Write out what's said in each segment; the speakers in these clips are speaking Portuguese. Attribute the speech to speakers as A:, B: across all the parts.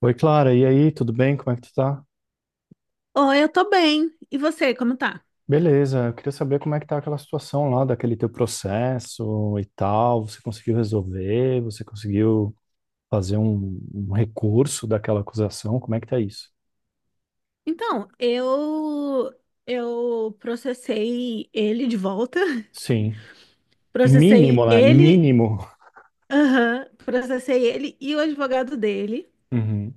A: Oi, Clara, e aí, tudo bem? Como é que tu tá?
B: Oi, eu tô bem. E você, como tá?
A: Beleza, eu queria saber como é que tá aquela situação lá, daquele teu processo e tal. Você conseguiu resolver? Você conseguiu fazer um recurso daquela acusação? Como é que tá isso?
B: Então, eu processei ele de volta.
A: Sim. Mínimo,
B: Processei
A: né?
B: ele,
A: Mínimo.
B: aham, processei ele e o advogado dele.
A: Uhum.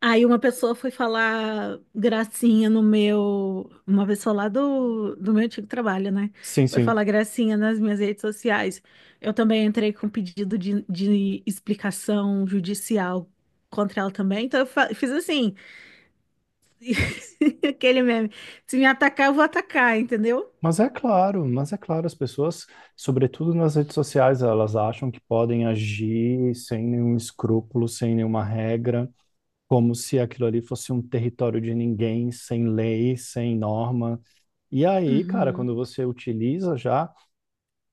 B: Aí uma pessoa foi falar gracinha no meu, uma pessoa lá do meu antigo trabalho, né?
A: Sim,
B: Foi
A: sim.
B: falar gracinha nas minhas redes sociais. Eu também entrei com pedido de explicação judicial contra ela também. Então eu fiz assim, aquele meme. Se me atacar, eu vou atacar, entendeu?
A: Mas é claro, as pessoas, sobretudo nas redes sociais, elas acham que podem agir sem nenhum escrúpulo, sem nenhuma regra, como se aquilo ali fosse um território de ninguém, sem lei, sem norma. E aí, cara,
B: Uhum,
A: quando você utiliza já,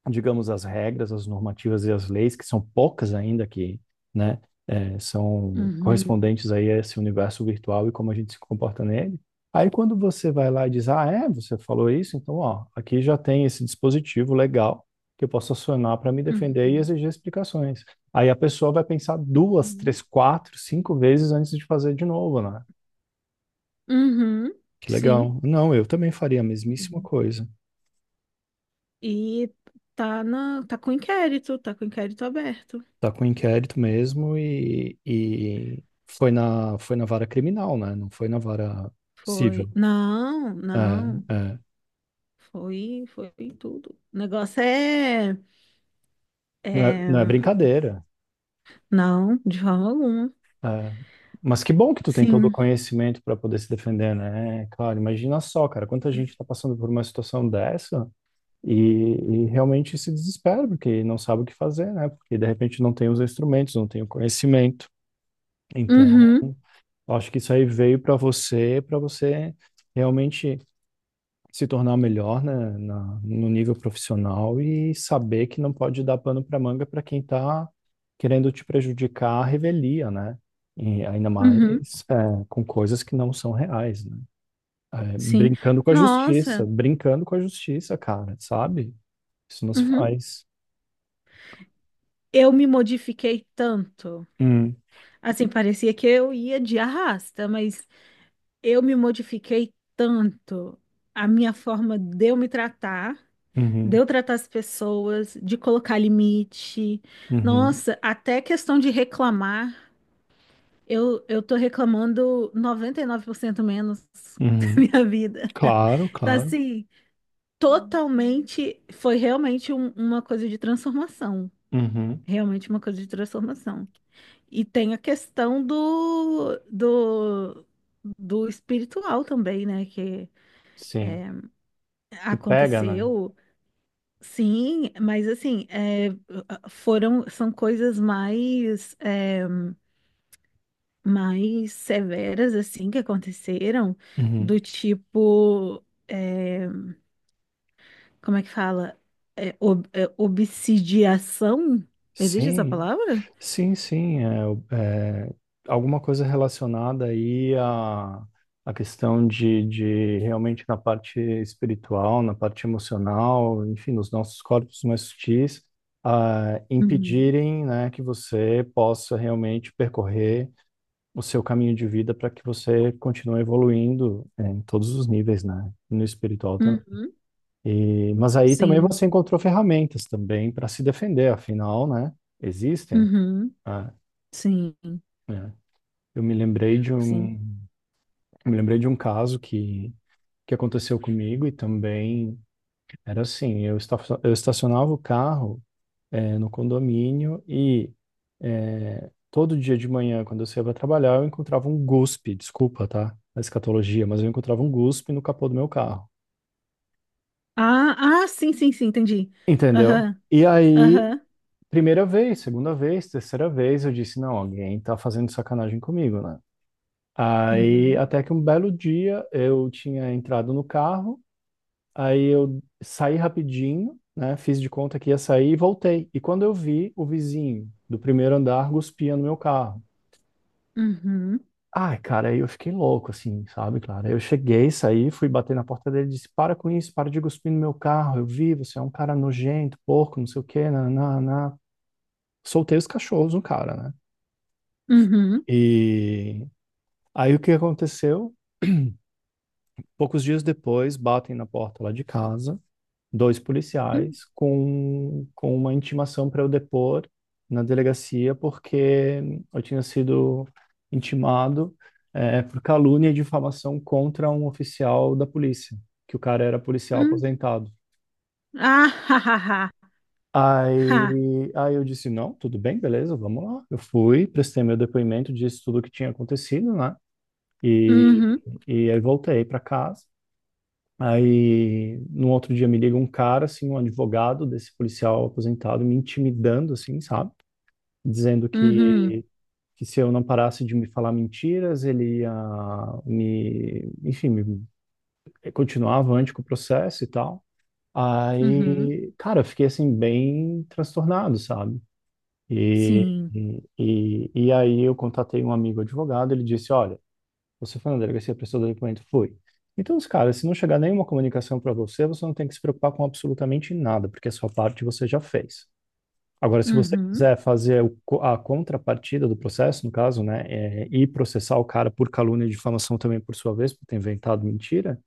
A: digamos, as regras, as normativas e as leis, que são poucas ainda que, né, é, são
B: uhum,
A: correspondentes aí a esse universo virtual e como a gente se comporta nele. Aí quando você vai lá e diz, ah, é, você falou isso, então, ó, aqui já tem esse dispositivo legal que eu posso acionar para me defender e
B: uhum,
A: exigir explicações. Aí a pessoa vai pensar duas,
B: uhum,
A: três, quatro, cinco vezes antes de fazer de novo, né?
B: uhum,
A: Que
B: sim.
A: legal. Não, eu também faria a mesmíssima
B: Uhum.
A: coisa.
B: E tá com inquérito aberto.
A: Tá com inquérito mesmo e foi na vara criminal, né? Não foi na vara
B: Foi.
A: civil.
B: Não,
A: É,
B: não.
A: é.
B: Foi, foi tudo. O negócio
A: Não é, não é
B: é...
A: brincadeira.
B: Não, de forma alguma.
A: É. Mas que bom que tu tem todo o
B: Sim.
A: conhecimento para poder se defender, né? Cara, imagina só, cara, quanta gente tá passando por uma situação dessa e, e realmente se desespera, porque não sabe o que fazer, né? Porque de repente não tem os instrumentos, não tem o conhecimento. Então,
B: Uhum,
A: acho que isso aí veio para você realmente se tornar melhor, né, no nível profissional e saber que não pode dar pano para manga para quem está querendo te prejudicar a revelia, né? E ainda mais
B: uhum,
A: é, com coisas que não são reais, né? É,
B: sim.
A: brincando com a justiça,
B: Nossa,
A: brincando com a justiça, cara, sabe? Isso não se
B: uhum.
A: faz.
B: Eu me modifiquei tanto.
A: Hum,
B: Assim, parecia que eu ia de arrasta, mas eu me modifiquei tanto. A minha forma de eu me tratar, de
A: uhum,
B: eu tratar as pessoas, de colocar limite.
A: uhum,
B: Nossa, até questão de reclamar, eu tô reclamando 99% menos da
A: uhum.
B: minha vida.
A: Claro,
B: Tá
A: claro.
B: assim, totalmente, foi realmente uma coisa de transformação.
A: Uhum,
B: Realmente uma coisa de transformação. E tem a questão do espiritual também, né? Que
A: sim.
B: é,
A: Que pega, né?
B: aconteceu, sim, mas assim, é, foram, são coisas mais, é, mais severas, assim, que aconteceram,
A: Uhum.
B: do tipo, é, como é que fala? É, obsidiação? Existe essa
A: Sim.
B: palavra?
A: Sim, sim, é, é, alguma coisa relacionada aí à, à questão de realmente na parte espiritual, na parte emocional, enfim, nos nossos corpos mais sutis, ah,
B: Uhum.
A: impedirem, né, que você possa realmente percorrer o seu caminho de vida para que você continue evoluindo, é, em todos os níveis, né, no espiritual também.
B: Uhum.
A: E, mas aí também
B: Sim.
A: você encontrou ferramentas também para se defender, afinal, né, existem.
B: Uhum.
A: Né?
B: Sim.
A: É. Eu me lembrei de
B: Sim.
A: um, me lembrei de um caso que aconteceu comigo e também era assim, eu, esta, eu estacionava o carro no condomínio e todo dia de manhã, quando eu saía para trabalhar, eu encontrava um guspe, desculpa, tá? A escatologia, mas eu encontrava um guspe no capô do meu carro.
B: Ah, ah, sim, sim, sim, entendi.
A: Entendeu?
B: Aham,
A: E aí,
B: aham.
A: primeira vez, segunda vez, terceira vez, eu disse, não, alguém tá fazendo sacanagem comigo, né? Aí,
B: Uhum,
A: até que um belo dia, eu tinha entrado no carro. Aí eu saí rapidinho, né? Fiz de conta que ia sair e voltei. E quando eu vi, o vizinho do primeiro andar guspia no meu carro.
B: uhum,
A: Ai, cara, aí eu fiquei louco, assim, sabe, claro. Aí eu cheguei, saí, fui bater na porta dele e disse: Para com isso, para de cuspir no meu carro. Eu vi, você é um cara nojento, porco, não sei o quê, nananá. Soltei os cachorros no cara, né?
B: uhum,
A: E aí o que aconteceu? Poucos dias depois, batem na porta lá de casa dois
B: hum,
A: policiais com uma intimação para eu depor na delegacia, porque eu tinha sido intimado por calúnia e difamação contra um oficial da polícia, que o cara era policial
B: hum.
A: aposentado.
B: Ah, ha, ha, ha, ha.
A: Aí eu disse, não, tudo bem, beleza, vamos lá. Eu fui, prestei meu depoimento, disse tudo o que tinha acontecido, né? E,
B: Uhum,
A: e aí voltei para casa. Aí, no outro dia me liga um cara, assim, um advogado desse policial aposentado, me intimidando, assim, sabe? Dizendo
B: uhum,
A: que se eu não parasse de me falar mentiras, ele ia me, enfim, me, continuar avante com o processo e tal.
B: uhum.
A: Aí, cara, eu fiquei, assim, bem transtornado, sabe? E,
B: Sim.
A: e aí eu contatei um amigo advogado, ele disse, olha, você foi na delegacia, prestou o documento? Foi. Então, os caras, se não chegar nenhuma comunicação para você, você não tem que se preocupar com absolutamente nada, porque a sua parte você já fez. Agora, se você
B: Uhum,
A: quiser fazer a contrapartida do processo, no caso, né, é, e processar o cara por calúnia e difamação também por sua vez, por ter inventado mentira,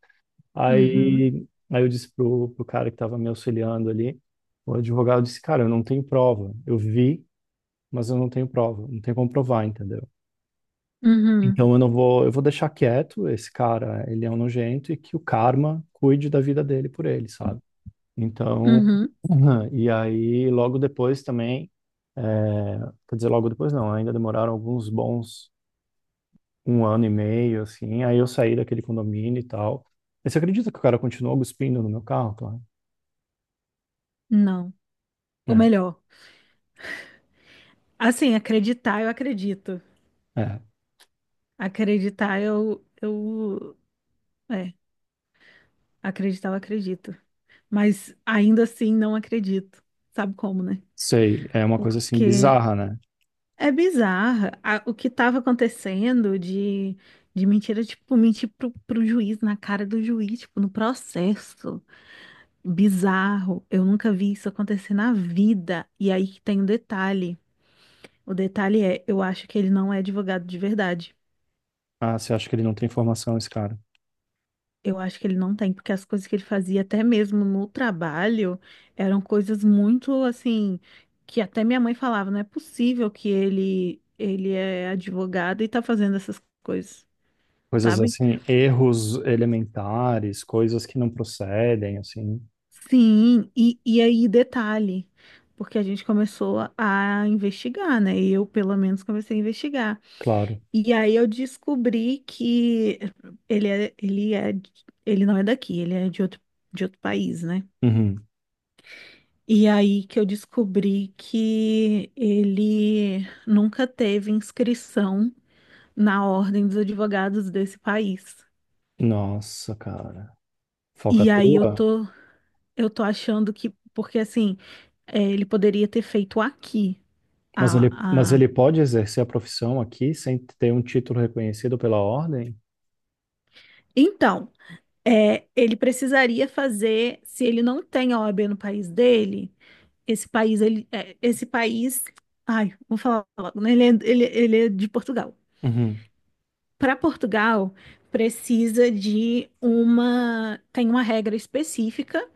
B: uhum,
A: aí, aí eu disse pro cara que estava me auxiliando ali, o advogado disse, cara, eu não tenho prova. Eu vi, mas eu não tenho prova. Não tem como provar, entendeu?
B: uhum,
A: Então eu não vou, eu vou deixar quieto esse cara, ele é um nojento e que o karma cuide da vida dele por ele, sabe? Então,
B: uhum.
A: e aí logo depois também, é, quer dizer, logo depois não, ainda demoraram alguns bons um ano e meio, assim, aí eu saí daquele condomínio e tal. E você acredita que o cara continuou cuspindo no meu carro, claro?
B: Não. Ou
A: É,
B: melhor, assim, acreditar eu acredito.
A: é,
B: Acreditar é, acreditar eu acredito. Mas ainda assim não acredito. Sabe como, né?
A: sei, é uma coisa assim
B: Porque
A: bizarra, né?
B: é bizarra. O que estava acontecendo de mentira, tipo, mentir pro juiz, na cara do juiz, tipo, no processo. Bizarro. Eu nunca vi isso acontecer na vida. E aí que tem um detalhe. O detalhe é, eu acho que ele não é advogado de verdade.
A: Ah, você acha que ele não tem informação, esse cara?
B: Eu acho que ele não tem, porque as coisas que ele fazia, até mesmo no trabalho, eram coisas muito assim, que até minha mãe falava, não é possível ele é advogado e tá fazendo essas coisas,
A: Coisas
B: sabe?
A: assim, erros elementares, coisas que não procedem, assim,
B: Sim, e aí detalhe, porque a gente começou a investigar, né? Eu, pelo menos, comecei a investigar.
A: claro.
B: E aí eu descobri que ele é, ele não é daqui, ele é de outro país, né?
A: Uhum.
B: E aí que eu descobri que ele nunca teve inscrição na Ordem dos Advogados desse país.
A: Nossa, cara.
B: E aí
A: Falcatrua?
B: eu tô achando que, porque assim, é, ele poderia ter feito aqui. Ah,
A: Mas
B: ah.
A: ele pode exercer a profissão aqui sem ter um título reconhecido pela ordem?
B: Então, é, ele precisaria fazer, se ele não tem a OAB no país dele, esse país, ai, vou falar logo, né? Ele é de Portugal.
A: Uhum.
B: Para Portugal, precisa de uma, tem uma regra específica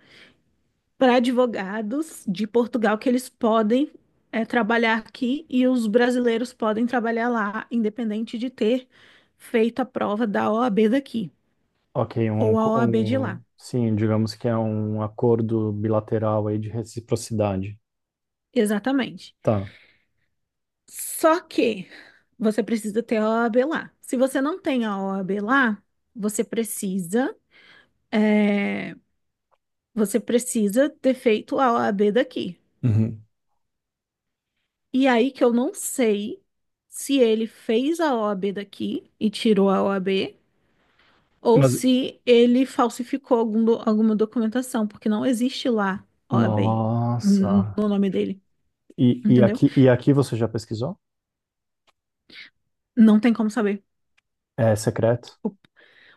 B: para advogados de Portugal que eles podem é, trabalhar aqui e os brasileiros podem trabalhar lá, independente de ter feito a prova da OAB daqui
A: Ok,
B: ou a OAB de lá.
A: sim, digamos que é um acordo bilateral aí de reciprocidade.
B: Exatamente.
A: Tá.
B: Só que você precisa ter a OAB lá. Se você não tem a OAB lá, você precisa, é, você precisa ter feito a OAB daqui.
A: Uhum.
B: E aí que eu não sei se ele fez a OAB daqui e tirou a OAB, ou
A: Mas,
B: se ele falsificou alguma documentação, porque não existe lá OAB
A: nossa.
B: no nome dele, entendeu?
A: E aqui você já pesquisou?
B: Não tem como saber.
A: É secreto?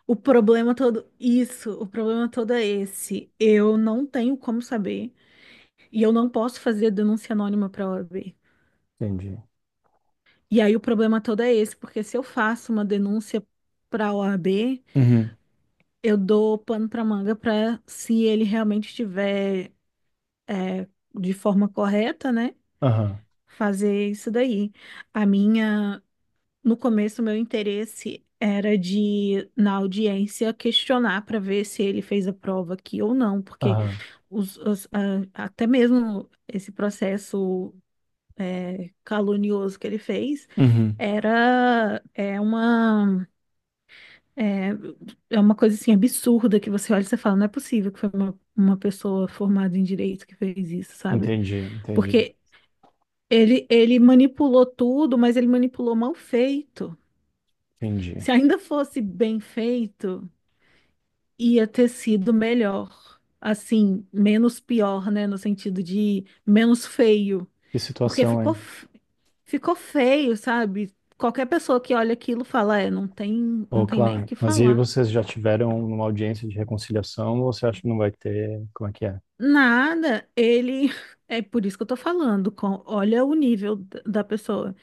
B: O problema todo, isso, o problema todo é esse. Eu não tenho como saber e eu não posso fazer denúncia anônima para a OAB.
A: Entendi.
B: E aí o problema todo é esse, porque se eu faço uma denúncia para a OAB,
A: Uhum.
B: eu dou pano para manga para se ele realmente estiver é, de forma correta, né,
A: Aham.
B: fazer isso daí. A minha, no começo, o meu interesse era de, na audiência, questionar para ver se ele fez a prova aqui ou não, porque
A: Aham.
B: até mesmo esse processo é, calunioso que ele fez
A: Uhum.
B: era é uma é, é uma coisa assim absurda que você olha e você fala, não é possível que foi uma pessoa formada em direito que fez isso, sabe?
A: Entendi, entendi,
B: Porque ele manipulou tudo, mas ele manipulou mal feito.
A: entendi.
B: Se ainda fosse bem feito, ia ter sido melhor. Assim, menos pior, né? No sentido de menos feio.
A: Que
B: Porque
A: situação,
B: ficou.
A: hein?
B: Ficou feio, sabe? Qualquer pessoa que olha aquilo fala, é, não tem, não
A: Oh,
B: tem nem o
A: claro.
B: que
A: Mas e aí
B: falar.
A: vocês já tiveram uma audiência de reconciliação ou você acha que não vai ter? Como é que é?
B: Nada, ele. É por isso que eu tô falando. Olha o nível da pessoa.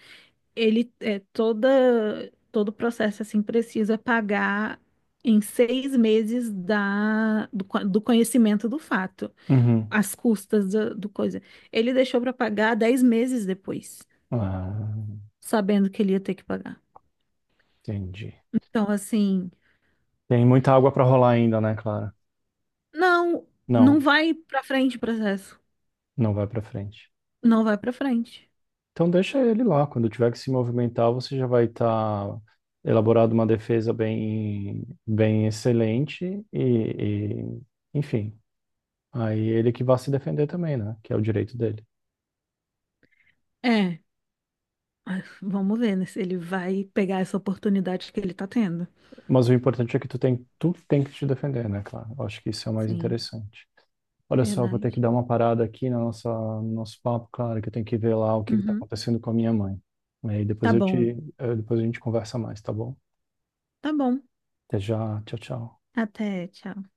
B: Ele é toda, todo o processo assim precisa pagar em 6 meses do conhecimento do fato,
A: Uhum.
B: as custas do coisa. Ele deixou para pagar 10 meses depois,
A: Ah,
B: sabendo que ele ia ter que pagar.
A: entendi.
B: Então, assim.
A: Tem muita água para rolar ainda, né, Clara?
B: Não, não
A: Não,
B: vai pra frente o processo.
A: não vai para frente.
B: Não vai pra frente.
A: Então deixa ele lá. Quando tiver que se movimentar, você já vai estar elaborado uma defesa bem, bem excelente e, enfim, aí ele que vai se defender também, né? Que é o direito dele.
B: É, mas vamos ver, né, se ele vai pegar essa oportunidade que ele tá tendo.
A: Mas o importante é que tu tem que te defender, né, claro? Eu acho que isso é o mais
B: Sim,
A: interessante. Olha só, eu vou ter
B: verdade.
A: que dar uma parada aqui na nossa no nosso papo, claro, que eu tenho que ver lá o que está
B: Uhum.
A: acontecendo com a minha mãe. Aí
B: Tá
A: depois eu
B: bom,
A: te, depois a gente conversa mais, tá bom?
B: tá bom.
A: Até já, tchau, tchau.
B: Até, tchau.